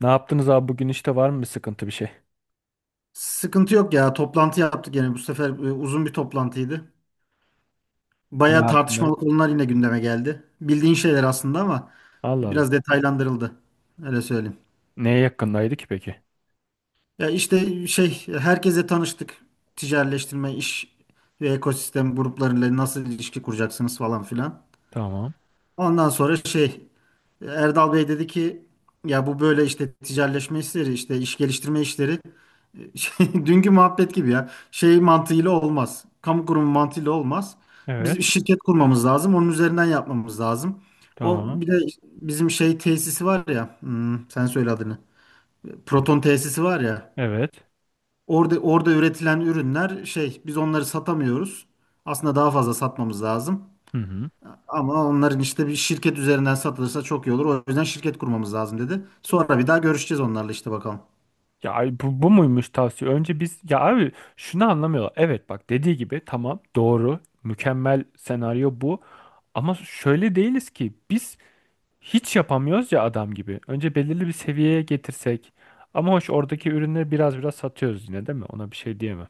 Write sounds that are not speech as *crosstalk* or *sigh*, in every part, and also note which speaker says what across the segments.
Speaker 1: Ne yaptınız abi bugün işte var mı bir sıkıntı bir şey?
Speaker 2: Sıkıntı yok ya. Toplantı yaptık yani bu sefer uzun bir toplantıydı.
Speaker 1: Ne
Speaker 2: Bayağı
Speaker 1: hakkındaydı?
Speaker 2: tartışmalı konular yine gündeme geldi. Bildiğin şeyler aslında ama
Speaker 1: Allah Allah.
Speaker 2: biraz detaylandırıldı. Öyle söyleyeyim.
Speaker 1: Neye yakındaydı ki peki?
Speaker 2: Ya işte şey herkese tanıştık. Ticaretleştirme, iş ve ekosistem gruplarıyla nasıl ilişki kuracaksınız falan filan.
Speaker 1: Tamam.
Speaker 2: Ondan sonra şey Erdal Bey dedi ki ya bu böyle işte ticaretleşme işleri işte iş geliştirme işleri *laughs* şey, dünkü muhabbet gibi ya şey mantığıyla olmaz. Kamu kurumu mantığıyla olmaz.
Speaker 1: Evet.
Speaker 2: Biz bir şirket kurmamız lazım. Onun üzerinden yapmamız lazım. O
Speaker 1: Tamam.
Speaker 2: bir de bizim şey tesisi var ya sen söyle adını. Proton tesisi var ya
Speaker 1: Evet.
Speaker 2: orada üretilen ürünler şey biz onları satamıyoruz. Aslında daha fazla satmamız lazım.
Speaker 1: Hı hı.
Speaker 2: Ama onların işte bir şirket üzerinden satılırsa çok iyi olur. O yüzden şirket kurmamız lazım dedi. Sonra bir daha görüşeceğiz onlarla işte bakalım.
Speaker 1: Ya ay, bu muymuş tavsiye? Önce biz ya abi şunu anlamıyorlar. Evet, bak, dediği gibi tamam, doğru, mükemmel senaryo bu. Ama şöyle değiliz ki biz, hiç yapamıyoruz ya adam gibi. Önce belirli bir seviyeye getirsek. Ama hoş, oradaki ürünleri biraz satıyoruz yine, değil mi? Ona bir şey diyemem.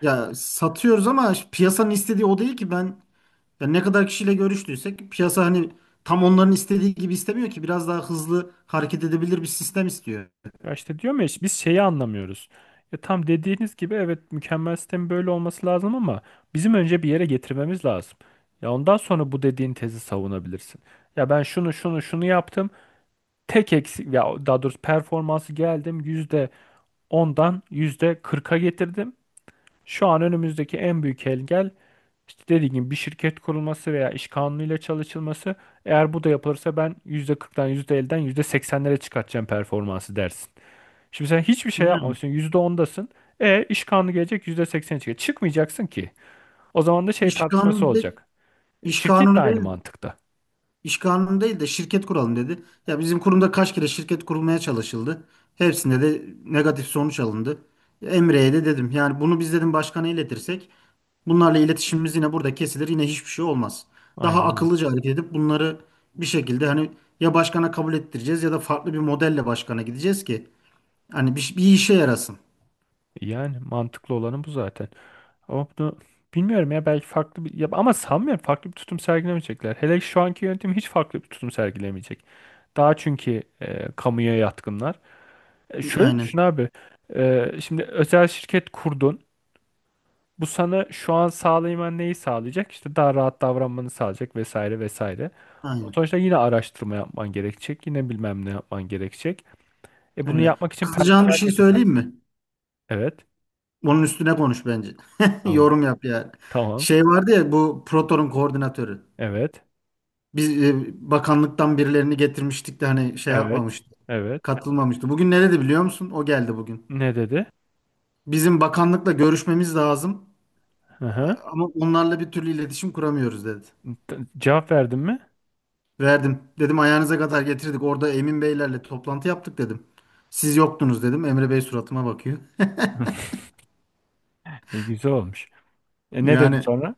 Speaker 2: Ya satıyoruz ama işte piyasanın istediği o değil ki ben ya ne kadar kişiyle görüştüysek piyasa hani tam onların istediği gibi istemiyor ki biraz daha hızlı hareket edebilir bir sistem istiyor.
Speaker 1: Ya işte diyorum ya, işte biz şeyi anlamıyoruz. Ya tam dediğiniz gibi, evet, mükemmel sistemin böyle olması lazım ama bizim önce bir yere getirmemiz lazım. Ya ondan sonra bu dediğin tezi savunabilirsin. Ya ben şunu şunu şunu yaptım. Tek eksik, ya daha doğrusu performansı geldim, %10'dan yüzde kırka getirdim. Şu an önümüzdeki en büyük engel işte, dediğim gibi, bir şirket kurulması veya iş kanunuyla çalışılması. Eğer bu da yapılırsa ben %40'dan %80'lere çıkartacağım performansı dersin. Şimdi sen hiçbir şey
Speaker 2: Yani
Speaker 1: yapmamışsın, %10'dasın. E, iş kanunu gelecek, %80'e çıkacak. Çıkmayacaksın ki. O zaman da şey
Speaker 2: iş
Speaker 1: tartışması
Speaker 2: kanunu de,
Speaker 1: olacak.
Speaker 2: iş
Speaker 1: Şirket de
Speaker 2: kanunu
Speaker 1: aynı
Speaker 2: değil
Speaker 1: mantıkta.
Speaker 2: İş kanunu değil de şirket kuralım dedi. Ya bizim kurumda kaç kere şirket kurulmaya çalışıldı. Hepsinde de negatif sonuç alındı. Emre'ye de dedim. Yani bunu biz dedim başkana iletirsek bunlarla iletişimimiz yine burada kesilir. Yine hiçbir şey olmaz. Daha
Speaker 1: Aynen öyle.
Speaker 2: akıllıca hareket edip bunları bir şekilde hani ya başkana kabul ettireceğiz ya da farklı bir modelle başkana gideceğiz ki hani bir işe yarasın.
Speaker 1: Yani mantıklı olanı bu zaten. Ama bunu bilmiyorum ya, belki farklı bir... Ya, ama sanmıyorum, farklı bir tutum sergilemeyecekler. Hele şu anki yönetim hiç farklı bir tutum sergilemeyecek. Daha, çünkü kamuya yatkınlar. E, şöyle düşün
Speaker 2: Aynen.
Speaker 1: abi. E, şimdi özel şirket kurdun. Bu sana şu an sağlayman neyi sağlayacak? İşte daha rahat davranmanı sağlayacak, vesaire vesaire. Ama
Speaker 2: Aynen.
Speaker 1: sonuçta yine araştırma yapman gerekecek. Yine bilmem ne yapman gerekecek. E, bunu
Speaker 2: Öyle.
Speaker 1: yapmak için
Speaker 2: Kızacağın bir
Speaker 1: personel
Speaker 2: şey söyleyeyim
Speaker 1: getireceksin.
Speaker 2: mi?
Speaker 1: Evet.
Speaker 2: Bunun üstüne konuş bence. *laughs*
Speaker 1: Tamam.
Speaker 2: Yorum yap yani.
Speaker 1: Tamam.
Speaker 2: Şey vardı ya bu Proton'un koordinatörü.
Speaker 1: Evet.
Speaker 2: Biz bakanlıktan birilerini getirmiştik de hani şey
Speaker 1: Evet.
Speaker 2: yapmamıştı.
Speaker 1: Evet.
Speaker 2: Katılmamıştı. Bugün nerede biliyor musun? O geldi bugün.
Speaker 1: Ne dedi?
Speaker 2: Bizim bakanlıkla görüşmemiz lazım.
Speaker 1: Hı hı.
Speaker 2: Ama onlarla bir türlü iletişim kuramıyoruz dedi.
Speaker 1: Cevap verdin mi?
Speaker 2: Verdim. Dedim ayağınıza kadar getirdik. Orada Emin Beylerle toplantı yaptık dedim. Siz yoktunuz dedim. Emre Bey suratıma bakıyor. *laughs*
Speaker 1: *laughs* E, güzel olmuş. E, ne dedi
Speaker 2: Yani
Speaker 1: sonra?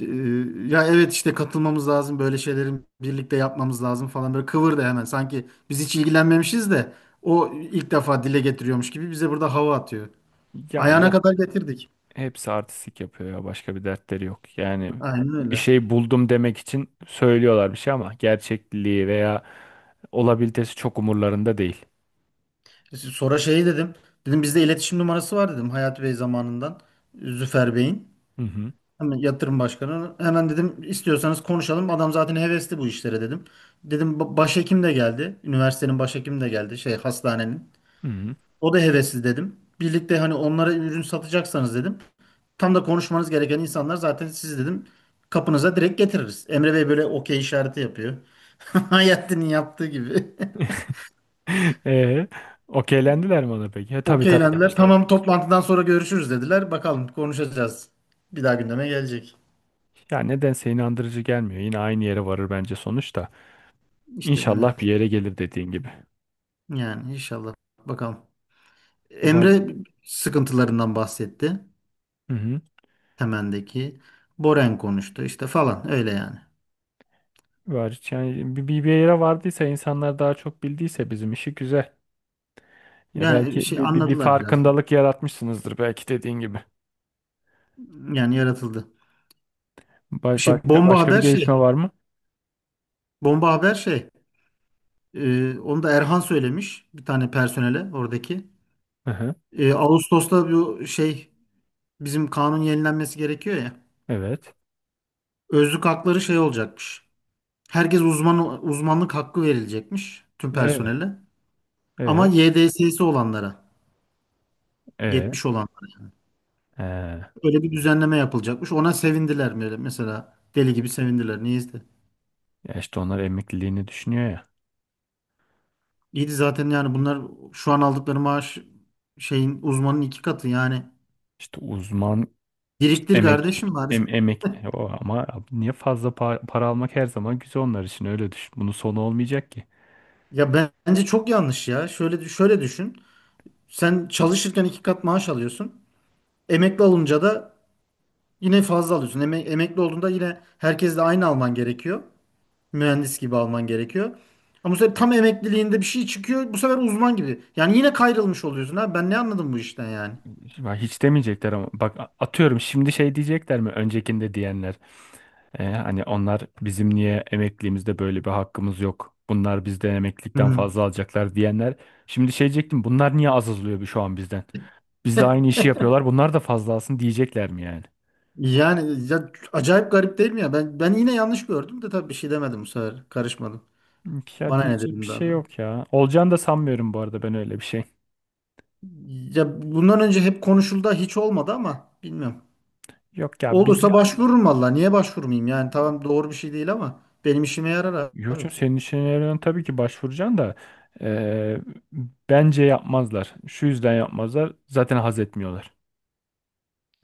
Speaker 2: Ya evet işte katılmamız lazım böyle şeylerin birlikte yapmamız lazım falan böyle kıvırdı hemen sanki biz hiç ilgilenmemişiz de o ilk defa dile getiriyormuş gibi bize burada hava atıyor.
Speaker 1: Ya
Speaker 2: Ayağına
Speaker 1: yok,
Speaker 2: kadar getirdik.
Speaker 1: hepsi artistik yapıyor ya. Başka bir dertleri yok. Yani
Speaker 2: Aynen
Speaker 1: bir
Speaker 2: öyle.
Speaker 1: şey buldum demek için söylüyorlar bir şey ama gerçekliği veya olabilitesi çok umurlarında değil.
Speaker 2: Sonra şey dedim. Dedim bizde iletişim numarası var dedim Hayat Bey zamanından Züfer Bey'in.
Speaker 1: Hı hı.
Speaker 2: Hemen yatırım başkanı. Hemen dedim istiyorsanız konuşalım. Adam zaten hevesli bu işlere dedim. Dedim "ba- başhekim de geldi. Üniversitenin başhekimi de geldi. Şey hastanenin.
Speaker 1: Hı hı.
Speaker 2: O da hevesli dedim. Birlikte hani onlara ürün satacaksanız dedim. Tam da konuşmanız gereken insanlar zaten siz dedim. Kapınıza direkt getiririz. Emre Bey böyle okey işareti yapıyor. *laughs* Hayattin'in yaptığı gibi.
Speaker 1: *laughs* Ee, Okeylendiler mi ona peki? E,
Speaker 2: *laughs*
Speaker 1: tabii tabii
Speaker 2: Okeylendiler.
Speaker 1: demişlerdi.
Speaker 2: Tamam toplantıdan sonra görüşürüz dediler. Bakalım konuşacağız. Bir daha gündeme gelecek.
Speaker 1: Ya nedense inandırıcı gelmiyor. Yine aynı yere varır bence sonuçta.
Speaker 2: İşte bilmem.
Speaker 1: İnşallah bir yere gelir dediğin gibi.
Speaker 2: Yani inşallah. Bakalım.
Speaker 1: Var.
Speaker 2: Emre sıkıntılarından bahsetti.
Speaker 1: Hı hı.
Speaker 2: Temendeki. Boren konuştu işte falan öyle yani.
Speaker 1: Var. Yani bir yere vardıysa, insanlar daha çok bildiyse, bizim işi güzel. Ya
Speaker 2: Yani
Speaker 1: belki
Speaker 2: şey
Speaker 1: bir
Speaker 2: anladılar biraz da.
Speaker 1: farkındalık yaratmışsınızdır, belki dediğin gibi.
Speaker 2: Yani yaratıldı.
Speaker 1: Ba-
Speaker 2: Şey
Speaker 1: başka,
Speaker 2: bomba
Speaker 1: başka bir
Speaker 2: haber
Speaker 1: gelişme
Speaker 2: şey.
Speaker 1: var mı?
Speaker 2: Bomba haber şey. Onu da Erhan söylemiş bir tane personele oradaki.
Speaker 1: Hı hı.
Speaker 2: Ağustos'ta bu şey bizim kanun yenilenmesi gerekiyor ya.
Speaker 1: Evet.
Speaker 2: Özlük hakları şey olacakmış. Herkes uzmanlık hakkı verilecekmiş tüm
Speaker 1: Evet.
Speaker 2: personele. Ama
Speaker 1: Evet.
Speaker 2: YDS'si olanlara,
Speaker 1: Evet.
Speaker 2: 70 olanlara
Speaker 1: Ee,
Speaker 2: böyle bir düzenleme yapılacakmış. Ona sevindiler böyle mesela deli gibi sevindiler. Niye izle?
Speaker 1: Ya işte onlar emekliliğini düşünüyor ya.
Speaker 2: İyiydi zaten yani bunlar şu an aldıkları maaş şeyin uzmanın iki katı yani.
Speaker 1: İşte uzman, işte
Speaker 2: Biriktir
Speaker 1: emek,
Speaker 2: kardeşim var. *laughs*
Speaker 1: emek, o ama abi niye, fazla para almak her zaman güzel onlar için, öyle düşün. Bunun sonu olmayacak ki.
Speaker 2: Bence çok yanlış ya. Şöyle düşün. Sen çalışırken iki kat maaş alıyorsun. Emekli olunca da yine fazla alıyorsun. Emekli olduğunda yine herkesle aynı alman gerekiyor. Mühendis gibi alman gerekiyor. Ama bu sefer tam emekliliğinde bir şey çıkıyor. Bu sefer uzman gibi. Yani yine kayrılmış oluyorsun ha. Ben ne anladım bu işten yani?
Speaker 1: Ya hiç demeyecekler, ama bak, atıyorum, şimdi şey diyecekler mi, öncekinde diyenler, hani onlar, bizim niye emekliliğimizde böyle bir hakkımız yok, bunlar bizden
Speaker 2: Hı.
Speaker 1: emeklilikten
Speaker 2: hı.
Speaker 1: fazla alacaklar diyenler, şimdi şey diyecektim, bunlar niye az alıyor şu an bizden? Bizle aynı işi yapıyorlar. Bunlar da fazla alsın diyecekler mi yani?
Speaker 2: Yani ya, acayip garip değil mi ya? Ben yine yanlış gördüm de tabii bir şey demedim bu sefer. Karışmadım.
Speaker 1: Ya
Speaker 2: Bana ne
Speaker 1: diyecek bir
Speaker 2: dedim daha
Speaker 1: şey
Speaker 2: sonra.
Speaker 1: yok ya. Olacağını da sanmıyorum bu arada ben, öyle bir şey.
Speaker 2: Ya bundan önce hep konuşuldu hiç olmadı ama bilmiyorum.
Speaker 1: Yok ya biz,
Speaker 2: Olursa başvururum valla. Niye başvurmayayım? Yani tamam doğru bir şey değil ama benim işime yarar
Speaker 1: yok
Speaker 2: abi.
Speaker 1: canım, senin işine tabii ki başvuracaksın da eee, bence yapmazlar. Şu yüzden yapmazlar. Zaten haz etmiyorlar.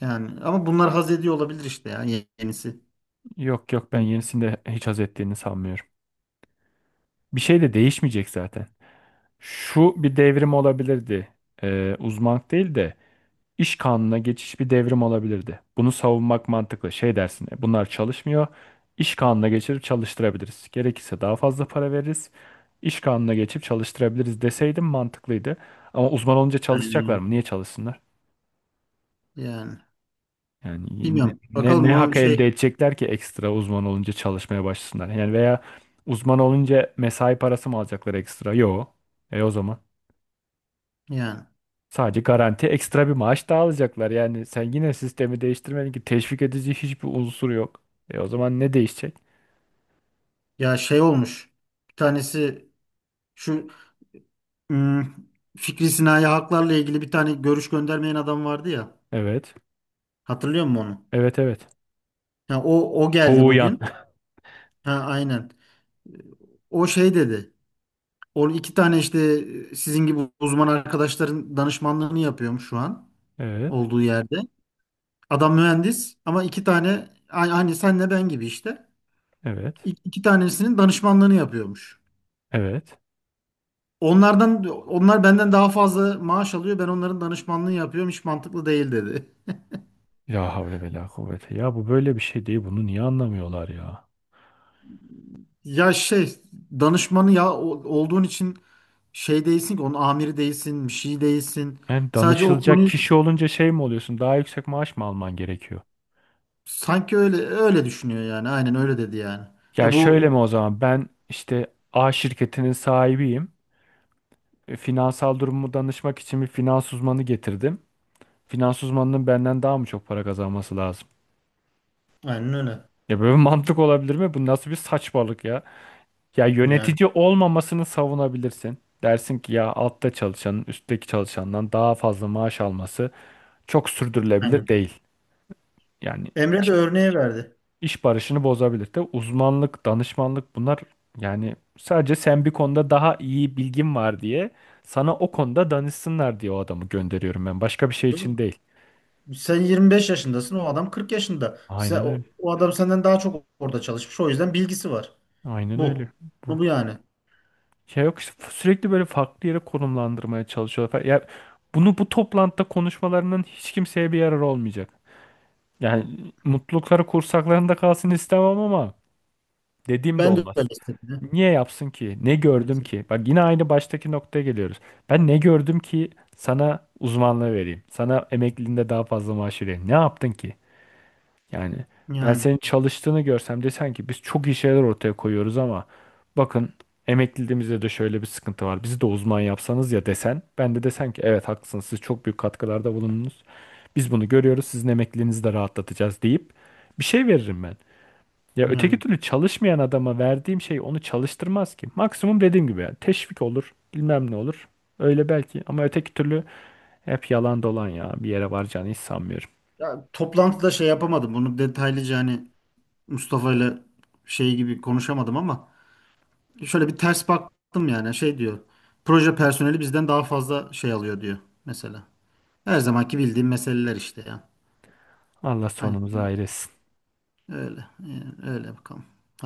Speaker 2: Yani ama bunlar haz ediyor olabilir işte ya yenisi.
Speaker 1: Yok yok, ben yenisinde hiç haz ettiğini sanmıyorum. Bir şey de değişmeyecek zaten. Şu bir devrim olabilirdi. Uzmanlık değil de İş kanununa geçiş bir devrim olabilirdi. Bunu savunmak mantıklı. Şey dersin, "E, bunlar çalışmıyor. İş kanununa geçirip çalıştırabiliriz. Gerekirse daha fazla para veririz. İş kanununa geçip çalıştırabiliriz" deseydim mantıklıydı. Ama uzman olunca çalışacaklar
Speaker 2: Yani,
Speaker 1: mı? Niye çalışsınlar?
Speaker 2: yani
Speaker 1: Yani ne,
Speaker 2: bilmiyorum.
Speaker 1: ne,
Speaker 2: Bakalım
Speaker 1: ne
Speaker 2: onun
Speaker 1: hak elde
Speaker 2: şey
Speaker 1: edecekler ki ekstra, uzman olunca çalışmaya başlasınlar? Yani veya uzman olunca mesai parası mı alacaklar ekstra? Yok. E, o zaman.
Speaker 2: yani
Speaker 1: Sadece garanti ekstra bir maaş daha alacaklar. Yani sen yine sistemi değiştirmedin ki, teşvik edici hiçbir unsur yok. E, o zaman ne değişecek?
Speaker 2: ya şey olmuş. Bir tanesi şu ım, Fikri Sinayi haklarla ilgili bir tane görüş göndermeyen adam vardı ya.
Speaker 1: Evet.
Speaker 2: Hatırlıyor musun onu?
Speaker 1: Evet evet.
Speaker 2: Ha, o geldi
Speaker 1: Soğuyan.
Speaker 2: bugün. Ha aynen. O şey dedi. O iki tane işte sizin gibi uzman arkadaşların danışmanlığını yapıyorum şu an.
Speaker 1: *laughs* Evet.
Speaker 2: Olduğu yerde. Adam mühendis ama iki tane hani senle ben gibi işte.
Speaker 1: Evet.
Speaker 2: İki tanesinin danışmanlığını yapıyormuş.
Speaker 1: Evet.
Speaker 2: Onlardan onlar benden daha fazla maaş alıyor. Ben onların danışmanlığını yapıyorum. Hiç mantıklı değil dedi.
Speaker 1: Ya havle ve la kuvvete. Ya bu böyle bir şey değil. Bunu niye anlamıyorlar ya?
Speaker 2: Ya şey danışmanı ya olduğun için şey değilsin ki onun amiri değilsin, bir şey değilsin.
Speaker 1: Yani
Speaker 2: Sadece o
Speaker 1: danışılacak
Speaker 2: konuyu
Speaker 1: kişi olunca şey mi oluyorsun? Daha yüksek maaş mı alman gerekiyor?
Speaker 2: sanki öyle düşünüyor yani. Aynen öyle dedi yani.
Speaker 1: Ya
Speaker 2: E
Speaker 1: şöyle
Speaker 2: bu
Speaker 1: mi o zaman? Ben işte A şirketinin sahibiyim. E, finansal durumumu danışmak için bir finans uzmanı getirdim. Finans uzmanının benden daha mı çok para kazanması lazım?
Speaker 2: aynen öyle.
Speaker 1: Ya böyle bir mantık olabilir mi? Bu nasıl bir saçmalık ya? Ya
Speaker 2: Yani
Speaker 1: yönetici olmamasını savunabilirsin. Dersin ki ya altta çalışanın üstteki çalışandan daha fazla maaş alması çok sürdürülebilir
Speaker 2: aynen.
Speaker 1: değil. Yani
Speaker 2: Emre de örneği verdi.
Speaker 1: iş barışını bozabilir de, uzmanlık, danışmanlık, bunlar, yani sadece sen bir konuda daha iyi bilgin var diye, sana o konuda danışsınlar diye o adamı gönderiyorum ben. Başka bir şey için değil.
Speaker 2: Sen 25 yaşındasın, o adam 40 yaşında. Sen,
Speaker 1: Aynen
Speaker 2: o,
Speaker 1: öyle.
Speaker 2: o adam senden daha çok orada çalışmış. O yüzden bilgisi var.
Speaker 1: Aynen
Speaker 2: Bu.
Speaker 1: öyle.
Speaker 2: Bu,
Speaker 1: Bu.
Speaker 2: bu yani.
Speaker 1: Ya yok işte, sürekli böyle farklı yere konumlandırmaya çalışıyorlar falan. Ya bunu bu toplantıda konuşmalarının hiç kimseye bir yararı olmayacak. Yani mutlulukları kursaklarında kalsın istemem ama dediğim de
Speaker 2: Ben de öyle
Speaker 1: olmaz.
Speaker 2: istedim.
Speaker 1: Niye yapsın ki? Ne gördüm ki? Bak, yine aynı baştaki noktaya geliyoruz. Ben ne gördüm ki sana uzmanlığı vereyim? Sana emekliliğinde daha fazla maaş vereyim? Ne yaptın ki? Yani ben
Speaker 2: Yani
Speaker 1: senin çalıştığını görsem, desen ki biz çok iyi şeyler ortaya koyuyoruz ama bakın, emekliliğimizde de şöyle bir sıkıntı var, bizi de uzman yapsanız ya desen, ben de desem ki evet haklısınız, siz çok büyük katkılarda bulundunuz. Biz bunu görüyoruz, sizin emekliliğinizi de rahatlatacağız deyip bir şey veririm ben. Ya öteki
Speaker 2: yani.
Speaker 1: türlü çalışmayan adama verdiğim şey onu çalıştırmaz ki. Maksimum dediğim gibi yani teşvik olur, bilmem ne olur. Öyle belki, ama öteki türlü hep yalan dolan, ya bir yere varacağını hiç sanmıyorum.
Speaker 2: Ya, toplantıda şey yapamadım. Bunu detaylıca hani Mustafa ile şey gibi konuşamadım ama şöyle bir ters baktım yani. Şey diyor. Proje personeli bizden daha fazla şey alıyor diyor mesela. Her zamanki bildiğim meseleler işte ya.
Speaker 1: Allah
Speaker 2: Hani
Speaker 1: sonumuzu hayretsin.
Speaker 2: öyle. Yani öyle bakalım. Hayırlısı.